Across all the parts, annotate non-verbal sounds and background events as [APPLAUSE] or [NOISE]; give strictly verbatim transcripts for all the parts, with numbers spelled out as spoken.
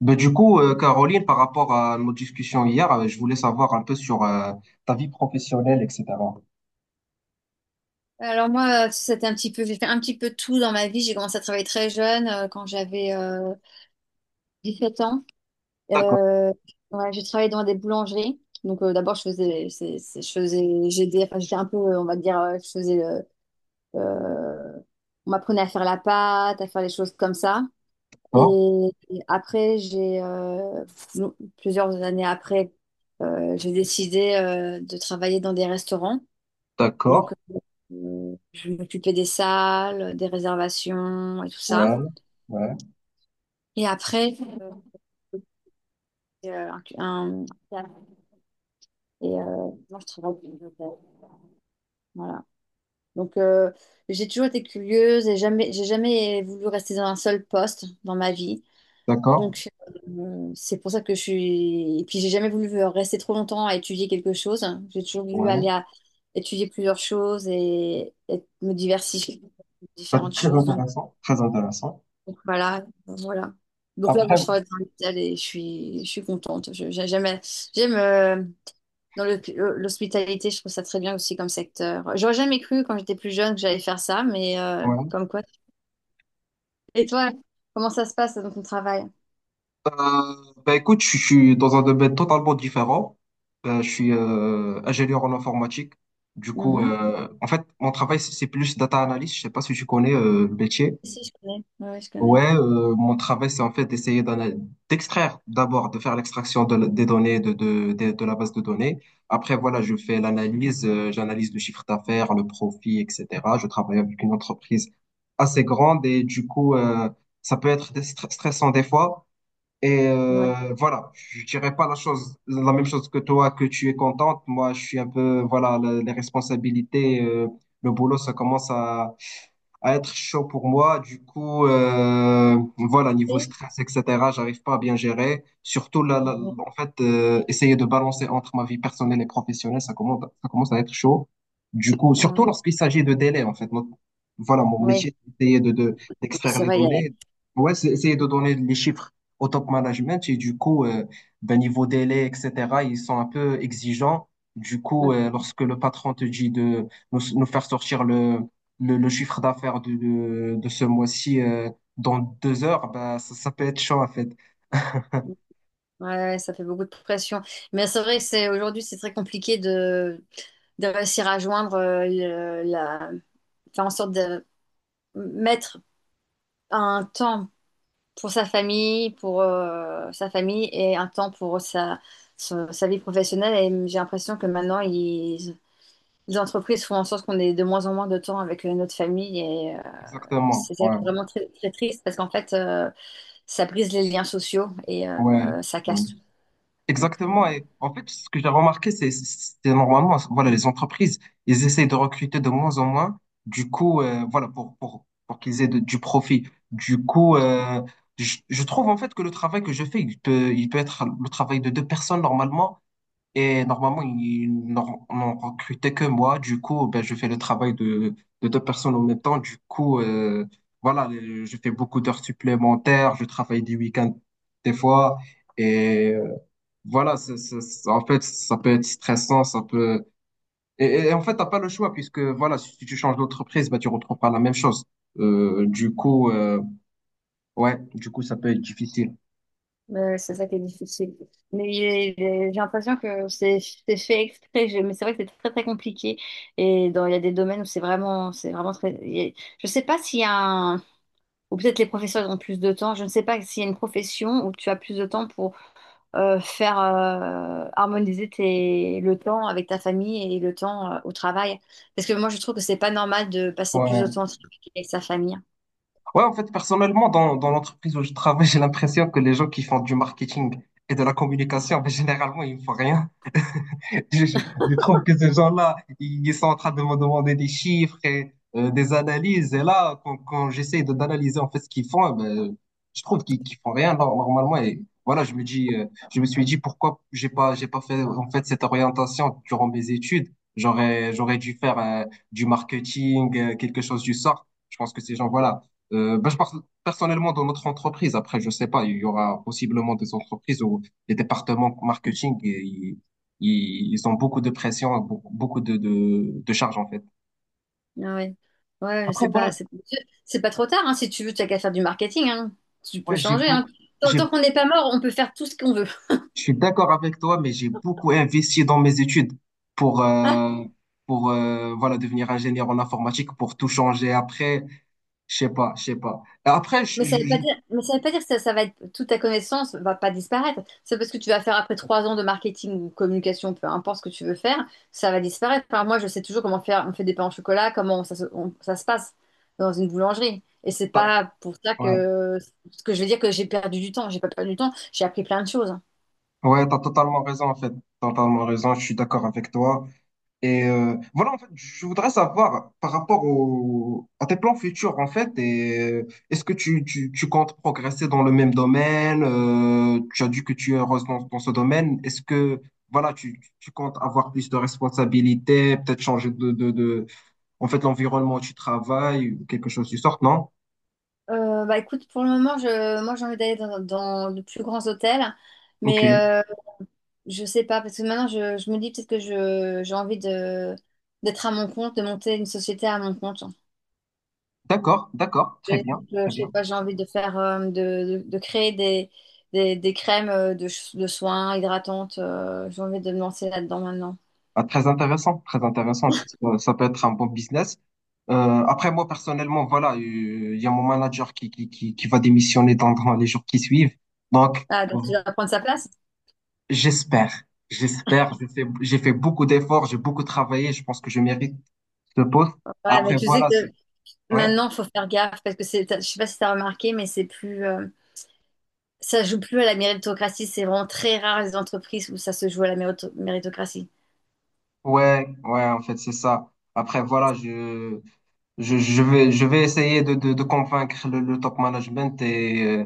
Ben, du coup, euh, Caroline, par rapport à nos discussions hier, euh, je voulais savoir un peu sur euh, ta vie professionnelle, et cetera. Alors moi, c'était un petit peu, j'ai fait un petit peu tout dans ma vie. J'ai commencé à travailler très jeune, euh, quand j'avais euh, dix-sept ans. D'accord, Euh, ouais, j'ai travaillé dans des boulangeries. Donc euh, d'abord, je faisais, c'est- c'est- je faisais, j'aidais, enfin j'étais un peu, euh, on va dire, euh, je faisais, euh, euh, on m'apprenait à faire la pâte, à faire les choses comme ça. d'accord, Et, et après, j'ai euh, plusieurs années après, euh, j'ai décidé euh, de travailler dans des restaurants. Donc, d'accord, euh, je m'occupais des salles, des réservations et tout ça. ouais, ouais, Et après, euh, un, un- et, euh, moi, je travaille pour une hôtel. Voilà. Donc, euh, j'ai toujours été curieuse et jamais, j'ai jamais voulu rester dans un seul poste dans ma vie. d'accord, Donc, euh, c'est pour ça que je suis. Et puis, j'ai jamais voulu rester trop longtemps à étudier quelque chose. J'ai toujours voulu ouais. aller à étudier plusieurs choses et, et me diversifier dans Ben, différentes très choses. Donc, intéressant, très intéressant. Donc voilà, ben, voilà. Donc là, moi, Après, je travaille dans l'hôpital et je suis, je suis contente. Je- j'ai- J'aime, j'aime euh, dans le- L'hospitalité, je trouve ça très bien aussi comme secteur. J'aurais jamais cru quand j'étais plus jeune que j'allais faire ça, mais euh, ouais. comme quoi. Et toi, comment ça se passe dans ton travail? Euh, ben, écoute, je suis dans un domaine totalement différent. Ben, je suis euh, ingénieur en informatique. Du coup, Mhm. euh, en fait, mon travail, c'est c'est plus data analyst. Je sais pas si tu connais euh, le métier. Si, je connais. Ouais, je Ouais, connais. euh, mon travail, c'est en fait d'essayer d'ana- d'extraire d'abord, de faire l'extraction de la- des données de, de, de, de la base de données. Après, voilà, je fais l'analyse, euh, j'analyse le chiffre d'affaires, le profit, et cetera. Je travaille avec une entreprise assez grande et du coup, euh, ça peut être des stre- stressant des fois. Et Ouais. euh, voilà, je dirais pas la chose, la même chose que toi, que tu es contente. Moi, je suis un peu, voilà, le- les responsabilités, euh, le boulot, ça commence à à être chaud pour moi. Du coup, euh, voilà, niveau Et- stress, et cetera, j'arrive pas à bien gérer. Surtout, là, là, ouais, en fait, euh, essayer de balancer entre ma vie personnelle et professionnelle, ça commence, ça commence à être chaud. Du coup, surtout euh, lorsqu'il s'agit de délais, en fait. Mon- voilà, mon ouais, métier, c'est essayer de, de, d'extraire c'est les vrai, il y a- données. Ouais, c'est essayer de donner les chiffres au top management. Et du coup, euh, ben, niveau délai, et cetera, ils sont un peu exigeants. Du ouais, coup, euh, lorsque le patron te dit de nous, nous faire sortir le, le, le chiffre d'affaires de, de, de ce mois-ci euh, dans deux heures, bah, ça, ça peut être chaud en fait. ouais, ça fait beaucoup de pression. Mais c'est vrai que c'est aujourd'hui, c'est très compliqué de, de réussir à joindre euh, le- la, faire en sorte de mettre un temps pour sa famille, pour euh, sa famille et un temps pour sa, sa, sa vie professionnelle. Et j'ai l'impression que maintenant, ils- les entreprises font en sorte qu'on ait de moins en moins de temps avec euh, notre famille. Et euh, Exactement. c'est ça qui Ouais, est vraiment très, très triste parce qu'en fait, euh, ça brise les liens sociaux et euh, ouais, euh, ça ouais. casse tout. Donc, euh, Exactement. Et en fait, ce que j'ai remarqué, c'est c'est- normalement, voilà, les entreprises, ils essayent de recruter de moins en moins. Du coup, euh, voilà, pour, pour, pour qu'ils aient de- du profit. Du coup, euh, je, je trouve en fait que le travail que je fais, il peut, il peut être le travail de deux personnes normalement. Et normalement, ils n'en n'en recrutaient que moi. Du coup, ben, je fais le travail de, de deux personnes en même temps. Du coup, euh, voilà, euh, je fais beaucoup d'heures supplémentaires. Je travaille des week-ends des fois. Et euh, voilà, c'est- c'est- c'est- en fait, ça peut être stressant. Ça peut. Et, et- et en fait, t'as pas le choix puisque voilà, si tu changes d'entreprise, ben, tu retrouves pas la même chose. Euh, du coup, euh, ouais, du coup, ça peut être difficile. Euh, c'est ça qui est difficile. Mais j'ai j'ai- j'ai l'impression que c'est c'est fait exprès. Je- Mais c'est vrai que c'est très très compliqué. Et dans, il y a des domaines où c'est vraiment, c'est vraiment très. il y a- Je sais pas s'il y a un. Ou peut-être les professeurs ont plus de temps. Je ne sais pas s'il y a une profession où tu as plus de temps pour euh, faire euh, harmoniser tes, le temps avec ta famille et le temps euh, au travail. Parce que moi, je trouve que c'est pas normal de passer plus de Ouais. temps au travail qu'avec sa famille. Ouais, en fait, personnellement, dans, dans l'entreprise où je travaille, [LAUGHS] j'ai l'impression que les gens qui font du marketing et de la communication, ben, généralement, ils ne font rien. [LAUGHS] Je, je- je trouve que ces gens-là, ils sont en train de me demander des chiffres et euh, des analyses. Et là, quand, quand j'essaie de d'analyser en fait ce qu'ils font, eh ben, je trouve qu'ils qu'ils font rien nor- normalement. Et voilà, je me dis, euh, je me suis dit pourquoi j'ai pas, j'ai pas fait en fait cette orientation durant mes études. J'aurais, j'aurais dû faire euh, du marketing, euh, quelque chose du sort. Je pense que ces gens, voilà. Euh, ben, je pense personnellement dans notre entreprise. Après, je sais pas, il y aura possiblement des entreprises où les départements marketing, ils, ils ont beaucoup de pression, beaucoup beaucoup de, de, de charge en fait. Ah Ouais, ouais, Après, c'est voilà, pas, je- c'est c'est pas trop tard, hein, si tu veux, tu as qu'à faire du marketing, hein. Tu peux ouais, j'ai changer, hein. beau- Tant, j'ai, tant qu'on n'est pas mort, on peut faire tout ce qu'on veut. je suis d'accord avec toi, mais j'ai beaucoup investi dans mes études pour, euh, pour euh, voilà, devenir ingénieur en informatique, pour tout changer après, je sais pas, je sais pas. Et après, [LAUGHS] Mais je, ça je- veut pas je- dire, mais ça veut pas dire que ça, ça va être, toute ta connaissance va pas disparaître. C'est parce que tu vas faire après trois ans de marketing ou communication, peu importe ce que tu veux faire, ça va disparaître. Enfin, moi, je sais toujours comment faire, on fait des pains au chocolat, comment ça se, on- ça se passe dans une boulangerie. Et c'est t'as- pas pour ça ouais, que, que je vais dire que j'ai perdu du temps. J'ai pas perdu du temps, j'ai appris plein de choses, hein. ouais, t'as totalement raison en fait, t'as totalement raison, je suis d'accord avec toi. Et euh, voilà, en fait, je voudrais savoir par rapport au, à tes plans futurs, en fait, et euh, est-ce que tu, tu, tu comptes progresser dans le même domaine? Euh, tu as dit que tu es heureuse dans, dans ce domaine. Est-ce que, voilà, tu, tu comptes avoir plus de responsabilités, peut-être changer de, de, de, en fait, l'environnement où tu travailles, ou quelque chose du sort, non? Euh, bah écoute, pour le moment, je, moi j'ai envie d'aller dans, dans de plus grands hôtels, Ok, mais euh, je sais pas, parce que maintenant je, je me dis peut-être que je, j'ai envie de, d'être à mon compte, de monter une société à mon compte. d'accord, d'accord, Je, très bien, je, très je sais bien. pas, j'ai envie de faire, euh, de, de, de créer des, des, des crèmes euh, de, ch- de soins hydratantes, euh, j'ai envie de me lancer là-dedans maintenant. Ah, très intéressant, très intéressant. Ça, ça peut être un bon business. Euh, Après, moi, personnellement, voilà, euh, il y a mon manager qui, qui, qui, qui va démissionner dans, dans les jours qui suivent. Donc, Ah, euh, donc tu vas prendre sa place? j'espère, j'espère, j'ai fait, j'ai fait beaucoup d'efforts, j'ai beaucoup travaillé, je pense que je mérite ce poste. Ouais, mais Après, tu sais voilà, que c'est- ouais, maintenant, faut faire gaffe, parce que c'est, t'as- je sais pas si t'as remarqué, mais c'est plus... euh, Ça joue plus à la méritocratie. C'est vraiment très rare les entreprises où ça se joue à la mérito- méritocratie. ouais, ouais, en fait, c'est ça. Après, voilà, je, Je, je vais, je vais essayer de, de, de convaincre le, le top management et euh,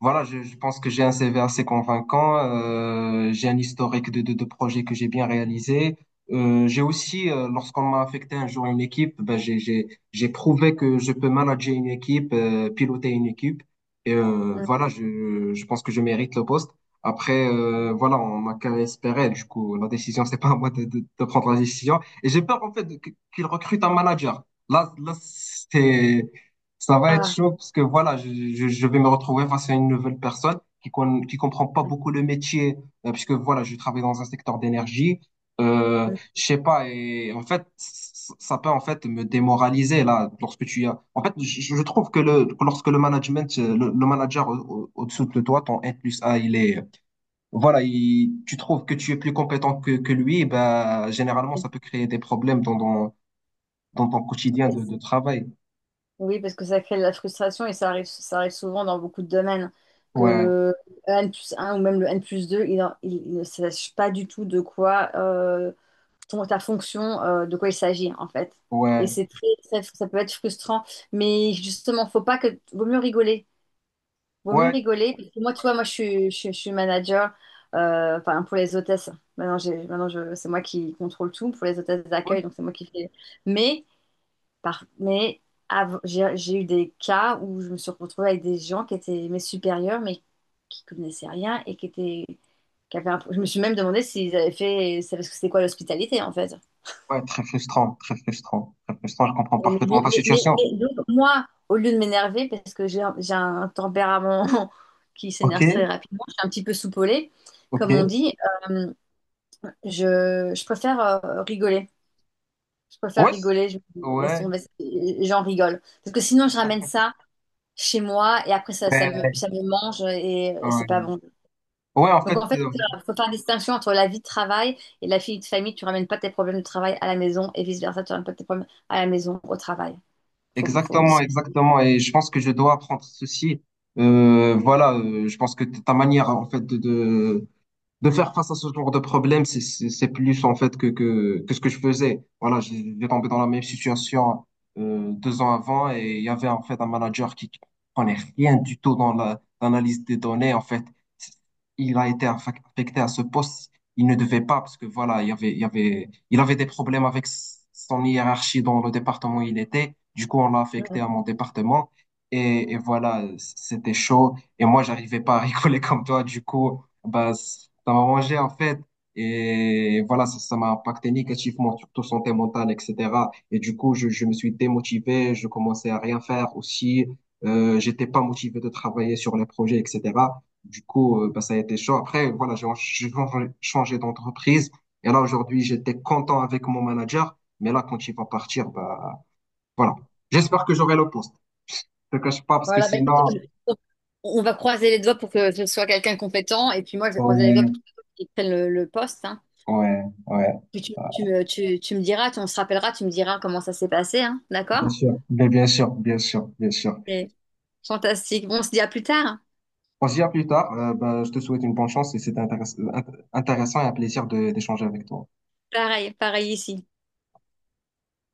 voilà, je, je pense que j'ai un C V assez convaincant, euh, j'ai un historique de, de, de projets que j'ai bien réalisé. Euh, j'ai aussi, euh, lorsqu'on m'a affecté un jour à une équipe, ben j'ai, j'ai, j'ai prouvé que je peux manager une équipe, euh, piloter une équipe. Et euh, Mm. voilà, je, je pense que je mérite le poste. Après, euh, voilà, on m'a qu'à espérer. Du coup, la décision, c'est pas à moi de, de, de prendre la décision. Et j'ai peur en fait de- qu'il recrute un manager. Là, là, c'est, ça va être Ah. chaud parce que voilà, je, je, je vais me retrouver face à une nouvelle personne qui con, qui comprend pas beaucoup le métier, euh, puisque voilà, je travaille dans un secteur d'énergie. Euh, Mm. je sais pas, et en fait, c- ça peut en fait me démoraliser là, lorsque tu as. En fait, je, je trouve que le, que lorsque le management, euh, le, le manager au dessous de toi, ton N plus A, il est, voilà, il, tu trouves que tu es plus compétent que, que lui, bah, généralement, ça peut créer des problèmes dans, dans, dans ton quotidien de, de travail. Oui, parce que ça crée de la frustration et ça arrive, ça arrive souvent dans beaucoup de domaines. Que Ouais, le N plus un ou même le N plus deux, il, en- il- il ne sache pas du tout de quoi euh, ton- ta fonction, euh, de quoi il s'agit en fait. Et ouais, c'est très, très, ça peut être frustrant, mais justement, faut pas que, vaut mieux rigoler. Vaut mieux ouais, rigoler. Parce que moi, tu ouais, vois, moi, je suis, je, suis je suis manager, euh, enfin, pour les hôtesses. Maintenant, j'ai, maintenant, je, c'est moi qui contrôle tout pour les hôtesses ouais, d'accueil, donc c'est moi qui fais. Mais, par, mais av- j'ai, j'ai eu des cas où je me suis retrouvée avec des gens qui étaient mes supérieurs, mais qui connaissaient rien et qui étaient, qui avaient un- je me suis même demandé s'ils avaient fait, savaient ce que c'était quoi l'hospitalité, en fait. ouais, très frustrant, très frustrant, très frustrant. Je comprends Et Mais, bon, parfaitement ta mais- mais- situation. mais donc, moi, au lieu de m'énerver, parce que j'ai un, j'ai un tempérament [LAUGHS] qui Ok, s'énerve très rapidement, je suis un petit peu soupolée, comme on ok. dit, euh, je, je préfère euh, rigoler. Je préfère Ouais, c- rigoler, je laisse ouais, tomber, et j'en rigole. Parce que sinon, je ramène ça chez moi et après, ça, ça me, ouais, ça me mange et, et c'est pas ouais. bon. Ouais, en Donc fait, en fait, euh, il faut faire une distinction entre la vie de travail et la vie de famille. Tu ramènes pas tes problèmes de travail à la maison et vice-versa, tu ramènes pas tes problèmes à la maison au travail. Faut, faut exactement, dissocier. exactement. Et je pense que je dois apprendre ceci. Euh, voilà, euh, je pense que t- ta manière, en fait, de, de faire face à ce genre de problème, c'est c'est- c'est plus en fait que, que, que ce que je faisais. Voilà, j'ai j'ai tombé dans la même situation euh, deux ans avant et il y avait en fait un manager qui qui prenait rien du tout dans la- l'analyse des données. En fait, il a été affac- affecté à ce poste. Il ne devait pas parce que voilà, il y avait, il y avait, il avait des problèmes avec s- son hiérarchie dans le département où il était. Du coup, on l'a affecté à mon département. Et, et voilà, c- c'était chaud. Et moi, j'arrivais pas à [LAUGHS] rigoler comme toi. Du coup, bah, ça m'a arrangé en fait. Et voilà, ça, ça m'a impacté négativement, surtout santé mentale, et cetera. Et du coup, je, je me suis démotivé, je commençais à rien faire aussi. Euh, j'étais pas motivé de travailler sur les projets, et cetera. Du coup, euh, bah, ça a été chaud. Après, voilà, j'ai en- j'ai changé changé d'entreprise. Et là, aujourd'hui, j'étais content avec mon manager. Mais là, quand il va partir, bah, voilà. J'espère que j'aurai le poste. Je te cache pas parce que Voilà, bah, écoute, sinon, on on va croiser les doigts pour que ce soit quelqu'un de compétent, et puis moi, je vais croiser les ouais, doigts pour qu'il prenne le, le poste, hein. ouais, ouais. Puis tu, tu, me, tu, tu me diras, tu, on se rappellera, tu me diras comment ça s'est passé, hein, d'accord? Bien sûr, bien, bien sûr, bien sûr, bien sûr. C'est fantastique. Bon, on se dit à plus tard, hein. On se dit à plus tard. Euh, ben, je te souhaite une bonne chance et c'était intéress- int- intéressant et un plaisir de- d'échanger avec toi. Pareil, pareil ici.